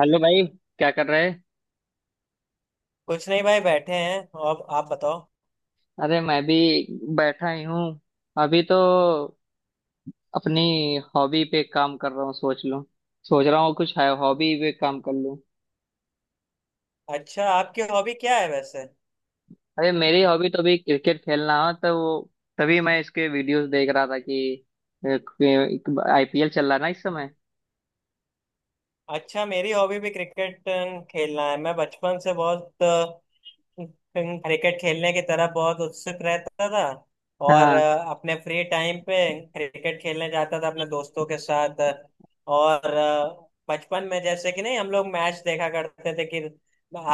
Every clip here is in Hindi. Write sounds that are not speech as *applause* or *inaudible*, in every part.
हेलो भाई, क्या कर रहे हैं। कुछ नहीं भाई, बैठे हैं। अब आप बताओ। अरे मैं भी बैठा ही हूँ। अभी तो अपनी हॉबी पे काम कर रहा हूँ। सोच रहा हूँ कुछ है हॉबी पे काम कर लूँ। अच्छा, आपकी हॉबी क्या है वैसे? अरे मेरी हॉबी तो भी क्रिकेट खेलना है, तो वो तभी मैं इसके वीडियोस देख रहा था कि आईपीएल चल रहा है ना इस समय। अच्छा, मेरी हॉबी भी क्रिकेट खेलना है। मैं बचपन से बहुत क्रिकेट खेलने की तरफ बहुत उत्सुक रहता था। और हाँ। अपने फ्री टाइम पे क्रिकेट खेलने जाता था अपने दोस्तों के साथ। और बचपन में जैसे कि नहीं, हम लोग मैच देखा करते थे कि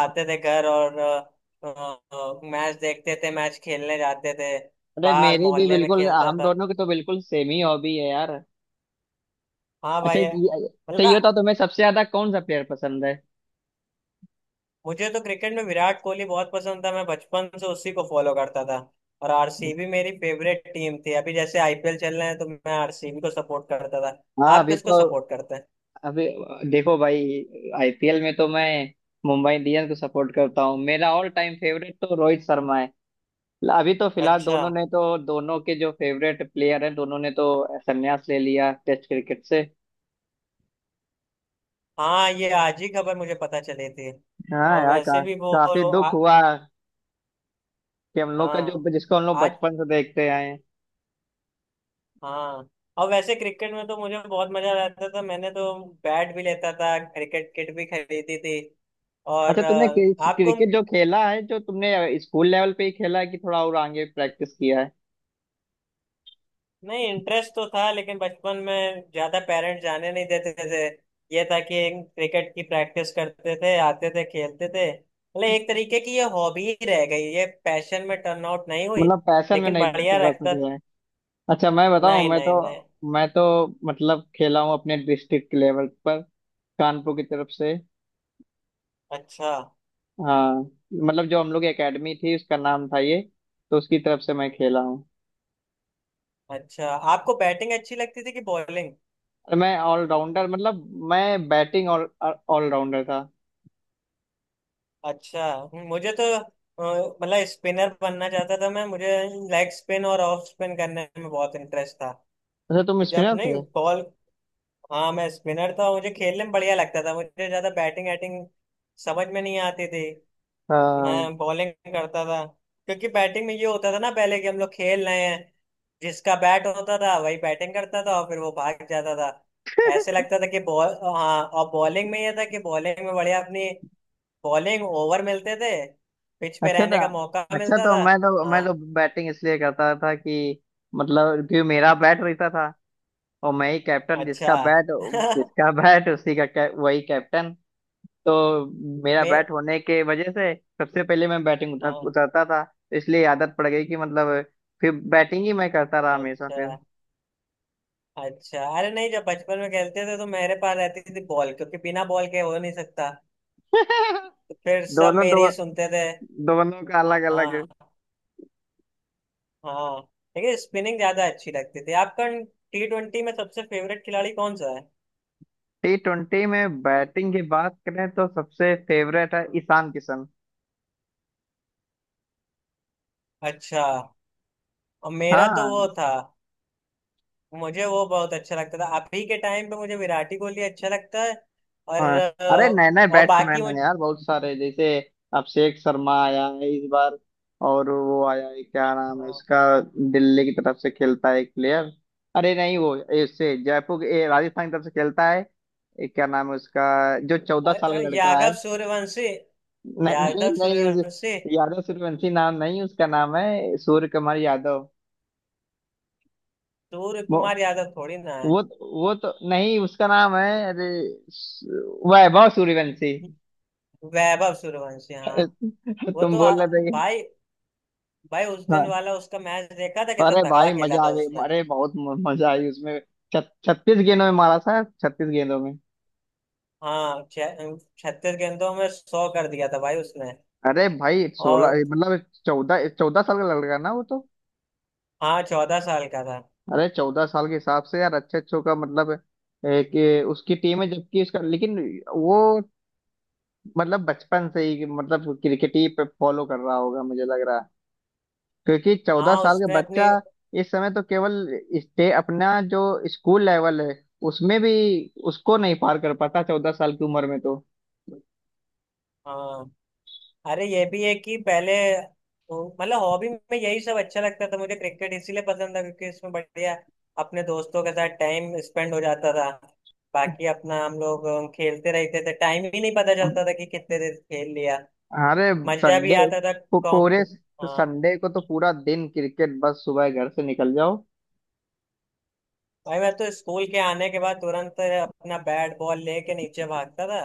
आते थे घर और मैच देखते थे, मैच खेलने जाते थे। अरे बाहर मेरी भी मोहल्ले में बिल्कुल, खेलता हम था। दोनों की तो बिल्कुल सेम ही हॉबी है यार। हाँ भाई, है। अच्छा ये मतलब, बताओ, तुम्हें सबसे ज्यादा कौन सा प्लेयर पसंद है। मुझे तो क्रिकेट में विराट कोहली बहुत पसंद था, मैं बचपन से उसी को फॉलो करता था। और आरसीबी मेरी फेवरेट टीम थी। अभी जैसे आईपीएल चल रहे हैं तो मैं आरसीबी को सपोर्ट करता था। हाँ, आप अभी किसको तो। सपोर्ट करते हैं? अभी देखो भाई, आईपीएल में तो मैं मुंबई इंडियंस को सपोर्ट करता हूँ। मेरा ऑल टाइम फेवरेट तो रोहित शर्मा है। अभी तो फिलहाल अच्छा। दोनों ने तो, दोनों के जो फेवरेट प्लेयर हैं, दोनों ने तो संन्यास ले लिया टेस्ट क्रिकेट से। हाँ, ये आज ही खबर मुझे पता चली थी। हाँ और यार, वैसे भी वो काफी आ, दुख हुआ कि हम लोग का हाँ। जो जिसको हम लोग आज। बचपन से देखते आए हैं। हाँ। और वैसे क्रिकेट में तो मुझे बहुत मजा आता था। मैंने तो बैट भी लेता था, क्रिकेट किट भी खरीदी थी। और अच्छा तुमने आपको। क्रिकेट जो खेला है, जो तुमने स्कूल लेवल पे ही खेला है कि थोड़ा और आगे प्रैक्टिस किया है। नहीं, इंटरेस्ट तो था लेकिन बचपन में ज्यादा पेरेंट्स जाने नहीं देते थे। ये था कि क्रिकेट की प्रैक्टिस करते थे, आते थे, खेलते थे। मतलब एक तरीके की ये हॉबी ही रह गई, ये पैशन में टर्न आउट नहीं हुई। मतलब पैशन में लेकिन नहीं बढ़िया पकड़ रखता। सके। अच्छा मैं बताऊं, नहीं, मैं तो नहीं, नहीं। मैं तो मतलब खेला हूँ अपने डिस्ट्रिक्ट लेवल पर, कानपुर की तरफ से। अच्छा। हाँ। मतलब जो हम लोग की एकेडमी थी उसका नाम था ये, तो उसकी तरफ से मैं खेला हूँ। अच्छा, आपको बैटिंग अच्छी लगती थी कि बॉलिंग? और मैं ऑलराउंडर, मतलब मैं बैटिंग ऑल ऑलराउंडर था। अच्छा। मुझे तो मतलब स्पिनर बनना चाहता था, मैं मुझे लेग स्पिन और ऑफ स्पिन करने में बहुत इंटरेस्ट था। अच्छा तुम कि जब स्पिनर नहीं, थे। बॉल। हाँ, मैं स्पिनर था, मुझे खेलने में बढ़िया लगता था। मुझे ज्यादा बैटिंग एटिंग समझ में नहीं आती थी। हाँ मैं बॉलिंग करता था। क्योंकि बैटिंग में ये होता था ना पहले कि हम लोग खेल रहे हैं, जिसका बैट होता था वही बैटिंग करता था और फिर वो भाग जाता था, ऐसे लगता था कि बॉल। हाँ, और बॉलिंग में ये था कि बॉलिंग में बढ़िया अपनी बॉलिंग ओवर मिलते थे, पिच पे अच्छा था। रहने का मौका अच्छा मिलता तो था। मैं तो मैं हाँ। तो बैटिंग इसलिए करता था कि मतलब, क्योंकि मेरा बैट रहता था, और मैं ही कैप्टन। अच्छा। जिसका बैट, *laughs* उसी का वही कैप्टन। तो मेरा मैं। बैट होने के वजह से सबसे पहले मैं बैटिंग हाँ। उतरता था, तो इसलिए आदत पड़ गई कि मतलब फिर बैटिंग ही मैं करता रहा हमेशा अच्छा। फिर। अच्छा, अरे नहीं, जब बचपन में खेलते थे तो मेरे पास रहती थी बॉल, क्योंकि बिना बॉल के हो नहीं सकता। *laughs* तो फिर सब दोनों, दो मेरी ही सुनते थे। दोनों का अलग अलग। हाँ, हाँ। लेकिन स्पिनिंग ज्यादा अच्छी लगती थी। आपका T20 में सबसे फेवरेट खिलाड़ी कौन सा है? T20 में बैटिंग की बात करें तो सबसे फेवरेट है ईशान किशन। अच्छा। और मेरा तो वो हाँ था, मुझे वो बहुत अच्छा लगता था। अभी के टाइम पे मुझे विराट ही कोहली अच्छा लगता है। और हाँ। अरे अ, नए नए और बाकी बैट्समैन है मुझे। यार बहुत सारे, जैसे अभिषेक शर्मा आया है इस बार। और वो आया है, क्या नाम है हाँ, इसका, दिल्ली की तरफ से खेलता है एक प्लेयर। अरे नहीं वो, इससे जयपुर, राजस्थान की तरफ से खेलता है। क्या नाम है उसका, जो चौदह साल का लड़का है। यादव सूर्यवंशी। न, नहीं यादव नहीं उस। सूर्यवंशी। यादव सूर्यवंशी नाम नहीं, उसका नाम है सूर्य कुमार यादव। सूर्य वो कुमार यादव थोड़ी ना है। वो, तो नहीं उसका नाम है, अरे वैभव सूर्यवंशी। वैभव सूर्यवंशी। हाँ, *laughs* वो तुम तो बोल रहे थे भाई, भाई, उस दिन हाँ। वाला उसका मैच देखा था, कितना अरे तगड़ा भाई खेला मजा आ था गई, उसने! अरे बहुत मजा आई उसमें। 36 गेंदों में मारा था, 36 गेंदों में। हाँ, 36 गेंदों में 100 कर दिया था भाई उसने। अरे भाई और 16 मतलब चौदह, चौदह साल का लड़का ना वो तो। हाँ, 14 साल का था। अरे 14 साल के हिसाब से यार, अच्छे अच्छों का मतलब, कि उसकी टीम है जबकि उसका, लेकिन वो मतलब बचपन से ही मतलब क्रिकेट ही पे फॉलो कर रहा होगा, मुझे लग रहा है। क्योंकि चौदह हाँ, साल का उसने बच्चा अपनी। इस समय तो केवल स्टे अपना जो स्कूल लेवल है उसमें भी उसको नहीं पार कर पाता 14 साल की उम्र में। हाँ। अरे, ये भी है कि पहले मतलब हॉबी में यही सब अच्छा लगता था। मुझे क्रिकेट इसीलिए पसंद था क्योंकि इसमें बढ़िया अपने दोस्तों के साथ टाइम स्पेंड हो जाता था। बाकी अपना हम लोग खेलते रहते थे। टाइम ही नहीं पता तो चलता था कि कितने देर खेल लिया। अरे मजा भी संडे आता था। को कॉम्प पूरे, हाँ। संडे को तो पूरा दिन क्रिकेट, बस सुबह घर से निकल जाओ। भाई, मैं तो स्कूल के आने के बाद तुरंत अपना बैट बॉल लेके नीचे भागता था।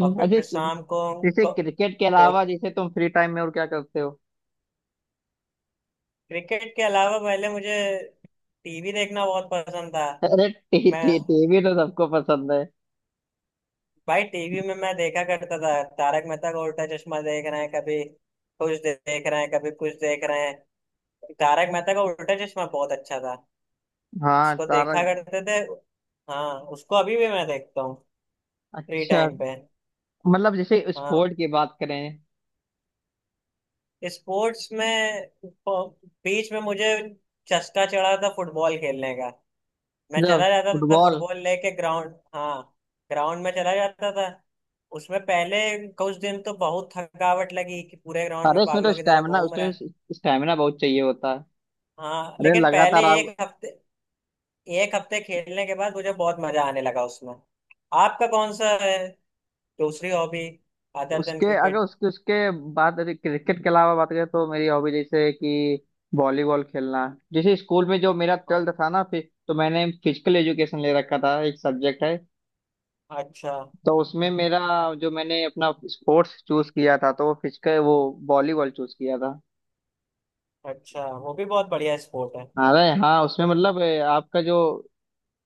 और अजय फिर शाम को। जैसे को, क्रिकेट के को अलावा, जैसे तुम फ्री टाइम में और क्या करते हो। क्रिकेट के अलावा पहले मुझे टीवी देखना बहुत पसंद था। अरे टी मैं टी टीवी तो सबको पसंद है। भाई, टीवी में मैं देखा करता था तारक मेहता का उल्टा चश्मा। देख रहे हैं कभी कुछ, देख रहे हैं कभी कुछ देख रहे हैं। तारक मेहता का उल्टा चश्मा बहुत अच्छा था। हाँ उसको तारा। देखा करते थे। हाँ, उसको अभी भी मैं देखता हूँ। फ्री अच्छा टाइम पे। मतलब जैसे हाँ, स्पोर्ट की बात करें। स्पोर्ट्स में बीच में मुझे चस्का चढ़ा था फुटबॉल खेलने का। मैं जब चला जाता था फुटबॉल, फुटबॉल लेके ग्राउंड। हाँ, ग्राउंड में चला जाता था। उसमें पहले कुछ दिन तो बहुत थकावट लगी कि पूरे ग्राउंड अरे में इसमें तो पागलों की तरह स्टैमिना, घूम रहा उसमें है। स्टैमिना बहुत चाहिए होता है। हाँ, अरे लेकिन पहले लगातार आप। एक हफ्ते खेलने के बाद मुझे बहुत मजा आने लगा उसमें। आपका कौन सा है दूसरी हॉबी, अदर देन उसके अगर, क्रिकेट? उसके उसके बाद क्रिकेट के अलावा बात करें तो मेरी हॉबी जैसे है कि वॉलीबॉल खेलना। जैसे स्कूल में जो मेरा हाँ। 12th था ना, फिर तो मैंने फिजिकल एजुकेशन ले रखा था, एक सब्जेक्ट है। अच्छा। तो उसमें मेरा, जो मैंने अपना स्पोर्ट्स चूज किया था, तो वो वॉलीबॉल चूज किया था। अच्छा, वो भी बहुत बढ़िया स्पोर्ट है। अरे हाँ, उसमें मतलब, आपका जो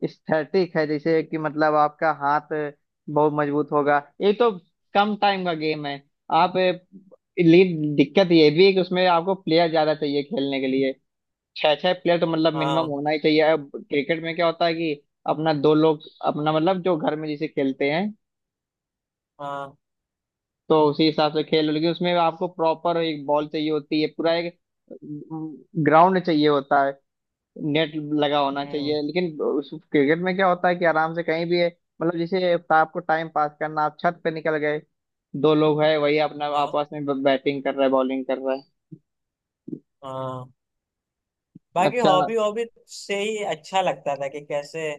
स्थैतिक है, जैसे कि मतलब आपका हाथ बहुत मजबूत होगा। ये तो कम टाइम का गेम है। आप, लीड दिक्कत ये भी है कि उसमें आपको प्लेयर ज्यादा चाहिए खेलने के लिए। छह छह प्लेयर तो मतलब मिनिमम हाँ, होना ही चाहिए। अब क्रिकेट में क्या होता है कि अपना दो लोग अपना मतलब जो घर में जैसे खेलते हैं हाँ। तो उसी हिसाब से खेल। लेकिन उसमें आपको प्रॉपर एक बॉल चाहिए होती है, पूरा एक ग्राउंड चाहिए होता है, नेट लगा होना हम्म। चाहिए। लेकिन उस क्रिकेट में क्या होता है कि आराम से कहीं भी है, मतलब जैसे आपको टाइम पास करना, आप छत पे निकल गए, दो लोग है, वही अपना हाँ, आपस में बैटिंग कर रहा है, बॉलिंग कर रहा है। हाँ। बाकी अच्छा। हॉबी हॉबी से ही अच्छा लगता था कि कैसे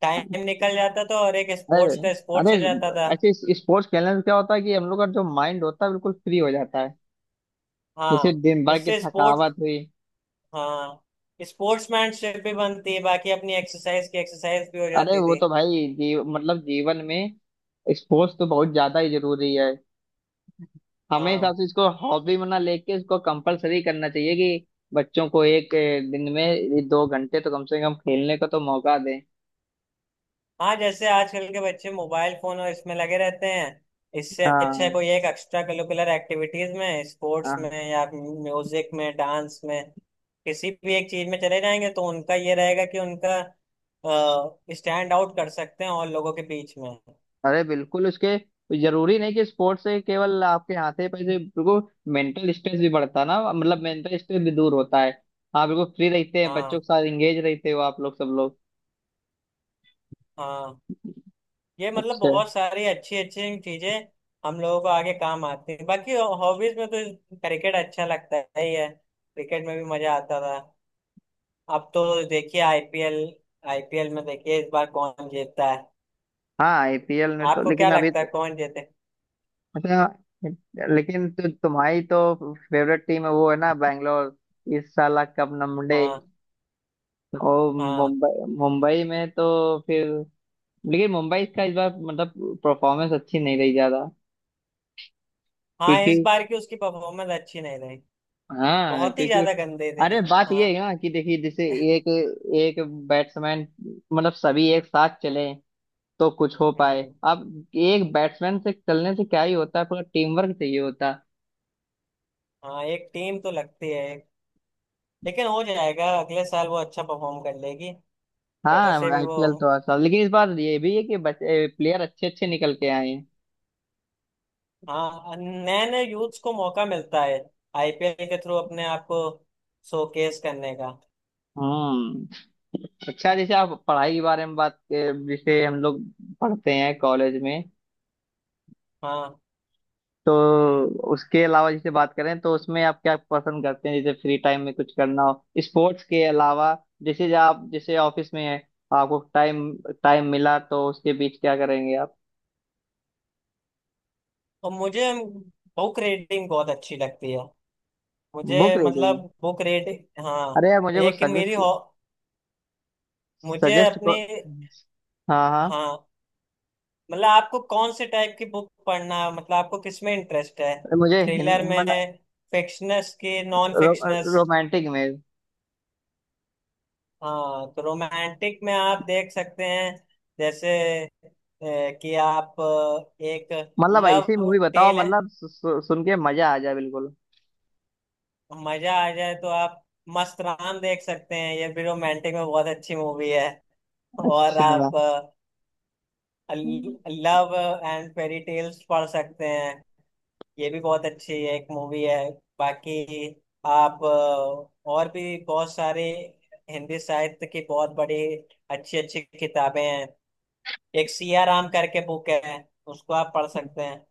टाइम निकल जाता था, और एक स्पोर्ट्स अरे का अरे, स्पोर्ट्स हो जाता था। ऐसे स्पोर्ट्स खेलने से क्या होता है कि हम लोग का जो माइंड होता है बिल्कुल फ्री हो जाता है। जैसे हाँ, दिन भर की इससे स्पोर्ट्स। थकावट हुई। हाँ, स्पोर्ट्समैनशिप भी बनती है, बाकी अपनी एक्सरसाइज की एक्सरसाइज भी हो अरे जाती वो थी। तो भाई, जी, मतलब जीवन में स्पोर्ट्स तो बहुत ज्यादा ही जरूरी है। हमें हाँ, हिसाब से इसको हॉबी में ना लेके इसको कंपलसरी करना चाहिए कि बच्चों को एक, दिन में ये 2 घंटे तो कम से कम खेलने का तो मौका दें। हाँ। जैसे आजकल के बच्चे मोबाइल फोन और इसमें लगे रहते हैं, इससे अच्छा है हाँ कोई एक एक्स्ट्रा करिकुलर एक्टिविटीज में, स्पोर्ट्स हाँ। में या म्यूजिक में, डांस में, किसी भी एक चीज में चले जाएंगे तो उनका ये रहेगा कि उनका स्टैंड आउट कर सकते हैं और लोगों के बीच में। अरे बिल्कुल, उसके जरूरी नहीं कि स्पोर्ट्स से केवल आपके हाथ से पैसे, बिल्कुल मेंटल स्ट्रेस भी बढ़ता ना, मतलब मेंटल स्ट्रेस भी दूर होता है। आप बिल्कुल फ्री रहते हैं, हाँ, बच्चों के साथ एंगेज रहते हो, आप लोग, सब लोग। हाँ। ये मतलब अच्छा। बहुत सारी अच्छी अच्छी चीजें हम लोगों को आगे काम आती हैं। बाकी हॉबीज में तो क्रिकेट अच्छा लगता है ही है, क्रिकेट में भी मजा आता था। अब तो देखिए आईपीएल, आईपीएल में देखिए इस बार कौन जीतता है। हाँ आईपीएल में तो, आपको क्या लेकिन अभी लगता है तो। कौन जीते? अच्छा लेकिन तो तुम्हारी तो फेवरेट टीम है वो, है ना, बैंगलोर। इस साल कब नंबड़े। हाँ, और हाँ, मुंबई मुंबई में तो फिर, लेकिन मुंबई का इस बार मतलब परफॉर्मेंस अच्छी नहीं रही ज्यादा। हाँ। क्योंकि, इस बार की उसकी परफॉर्मेंस अच्छी नहीं रही। हाँ, बहुत ही क्योंकि ज्यादा गंदे थे। अरे बात ये हाँ। है ना, कि देखिए जैसे एक, एक बैट्समैन, मतलब सभी एक साथ चले तो कुछ हो पाए। हम्म। अब एक बैट्समैन से चलने से क्या ही होता है, पूरा टीम वर्क चाहिए होता है। हाँ, एक टीम तो लगती है एक, लेकिन हो जाएगा, अगले साल वो अच्छा परफॉर्म कर लेगी। हाँ वैसे भी वो, आईपीएल तो हर साल, लेकिन इस बार ये भी है कि बच्चे प्लेयर अच्छे अच्छे निकल के आए हैं। हाँ, नए नए यूथ्स को मौका मिलता है आईपीएल के थ्रू अपने आप को शोकेस करने का। हम्म। अच्छा जैसे आप पढ़ाई के बारे में बात, जैसे हम लोग पढ़ते हैं कॉलेज में, हाँ, तो उसके अलावा जैसे बात करें तो उसमें आप क्या पसंद करते हैं, जैसे फ्री टाइम में कुछ करना हो स्पोर्ट्स के अलावा। जैसे जो आप जैसे ऑफिस में है, आपको टाइम टाइम मिला तो उसके बीच क्या करेंगे आप। और मुझे बुक रीडिंग बहुत अच्छी लगती है। बुक मुझे रीडिंग, मतलब बुक रीडिंग। अरे हाँ, यार मुझे कुछ एक मेरी सजेस्ट। हो, मुझे सजेस्ट अपनी। को। हाँ हाँ। हाँ, मतलब आपको कौन से टाइप की बुक पढ़ना, मतलब आपको किस में इंटरेस्ट है? मुझे थ्रिलर में? हिंदुस्तान, फिक्शनस की नॉन रो, फिक्शनस? Romantic image. हाँ, तो रोमांटिक में आप देख सकते हैं, जैसे कि आप एक मतलब लव ऐसी मूवी बताओ, टेल है। मतलब सु, सु, सुन के मजा आ जाए बिल्कुल। मजा आ जाए तो आप मस्त राम देख सकते हैं, ये भी रोमांटिक में बहुत अच्छी मूवी है। और अच्छा। आप हम्म। लव एंड फेरी टेल्स पढ़ सकते हैं, ये भी बहुत अच्छी एक मूवी है। बाकी आप और भी बहुत सारे, हिंदी साहित्य की बहुत बड़ी अच्छी अच्छी किताबें हैं। एक सिया राम करके बुक है, उसको आप पढ़ सकते हैं।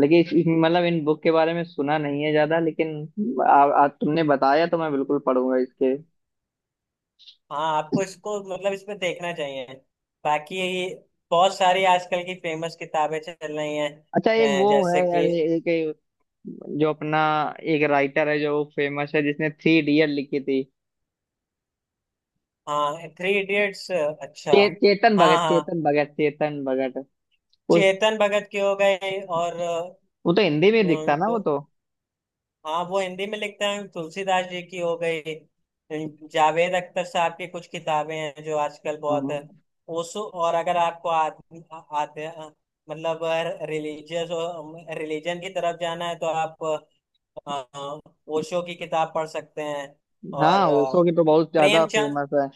लेकिन मतलब इन बुक के बारे में सुना नहीं है ज्यादा, लेकिन आ, आ, तुमने बताया तो मैं बिल्कुल पढ़ूंगा इसके। हाँ, आपको इसको मतलब इसमें देखना चाहिए। बाकी बहुत सारी आजकल की फेमस किताबें चल रही हैं। अच्छा एक वो जैसे है यार, कि। एक एक जो अपना एक राइटर है जो फेमस है, जिसने थ्री इडियट लिखी थी। हाँ, थ्री इडियट्स। अच्छा। चेतन हाँ, भगत, हाँ। चेतन भगत, चेतन भगत। वो चेतन भगत की हो गई और वो तो हिंदी में दिखता ना तो। वो तो। हाँ, वो हिंदी में लिखते हैं। तुलसीदास जी की हो गई। जावेद अख्तर साहब की कुछ किताबें हैं जो आजकल बहुत है। हाँ उस, और अगर आपको आदमी आते मतलब रिलीजियस, रिलीजन की तरफ जाना है तो आप अ, ओशो की किताब पढ़ सकते हैं। और हाँ उसो की तो बहुत ज्यादा प्रेमचंद। फेमस है।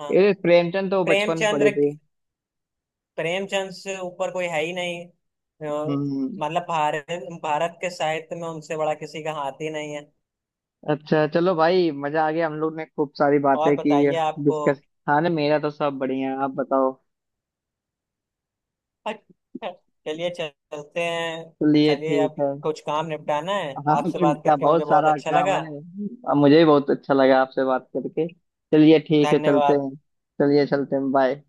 हाँ, ये प्रेमचंद तो बचपन में पढ़े प्रेमचंद्र। थे। प्रेमचंद से ऊपर कोई है ही नहीं हम्म। मतलब भारत भारत के साहित्य में उनसे बड़ा किसी का हाथ ही नहीं है। अच्छा चलो भाई मजा आ गया, हम लोग ने खूब सारी और बातें की बताइए आपको। डिस्कस। हाँ ना, मेरा तो सब बढ़िया है, आप बताओ। अच्छा, चलिए चलते हैं। चलिए चलिए, ठीक अब है। कुछ काम निपटाना है। हाँ कुछ आपसे बात क्या, करके मुझे बहुत बहुत सारा अच्छा काम लगा। है, अब मुझे भी बहुत अच्छा लगा आपसे बात करके। चलिए ठीक है, चलते धन्यवाद। हैं। चलिए चलते हैं, बाय।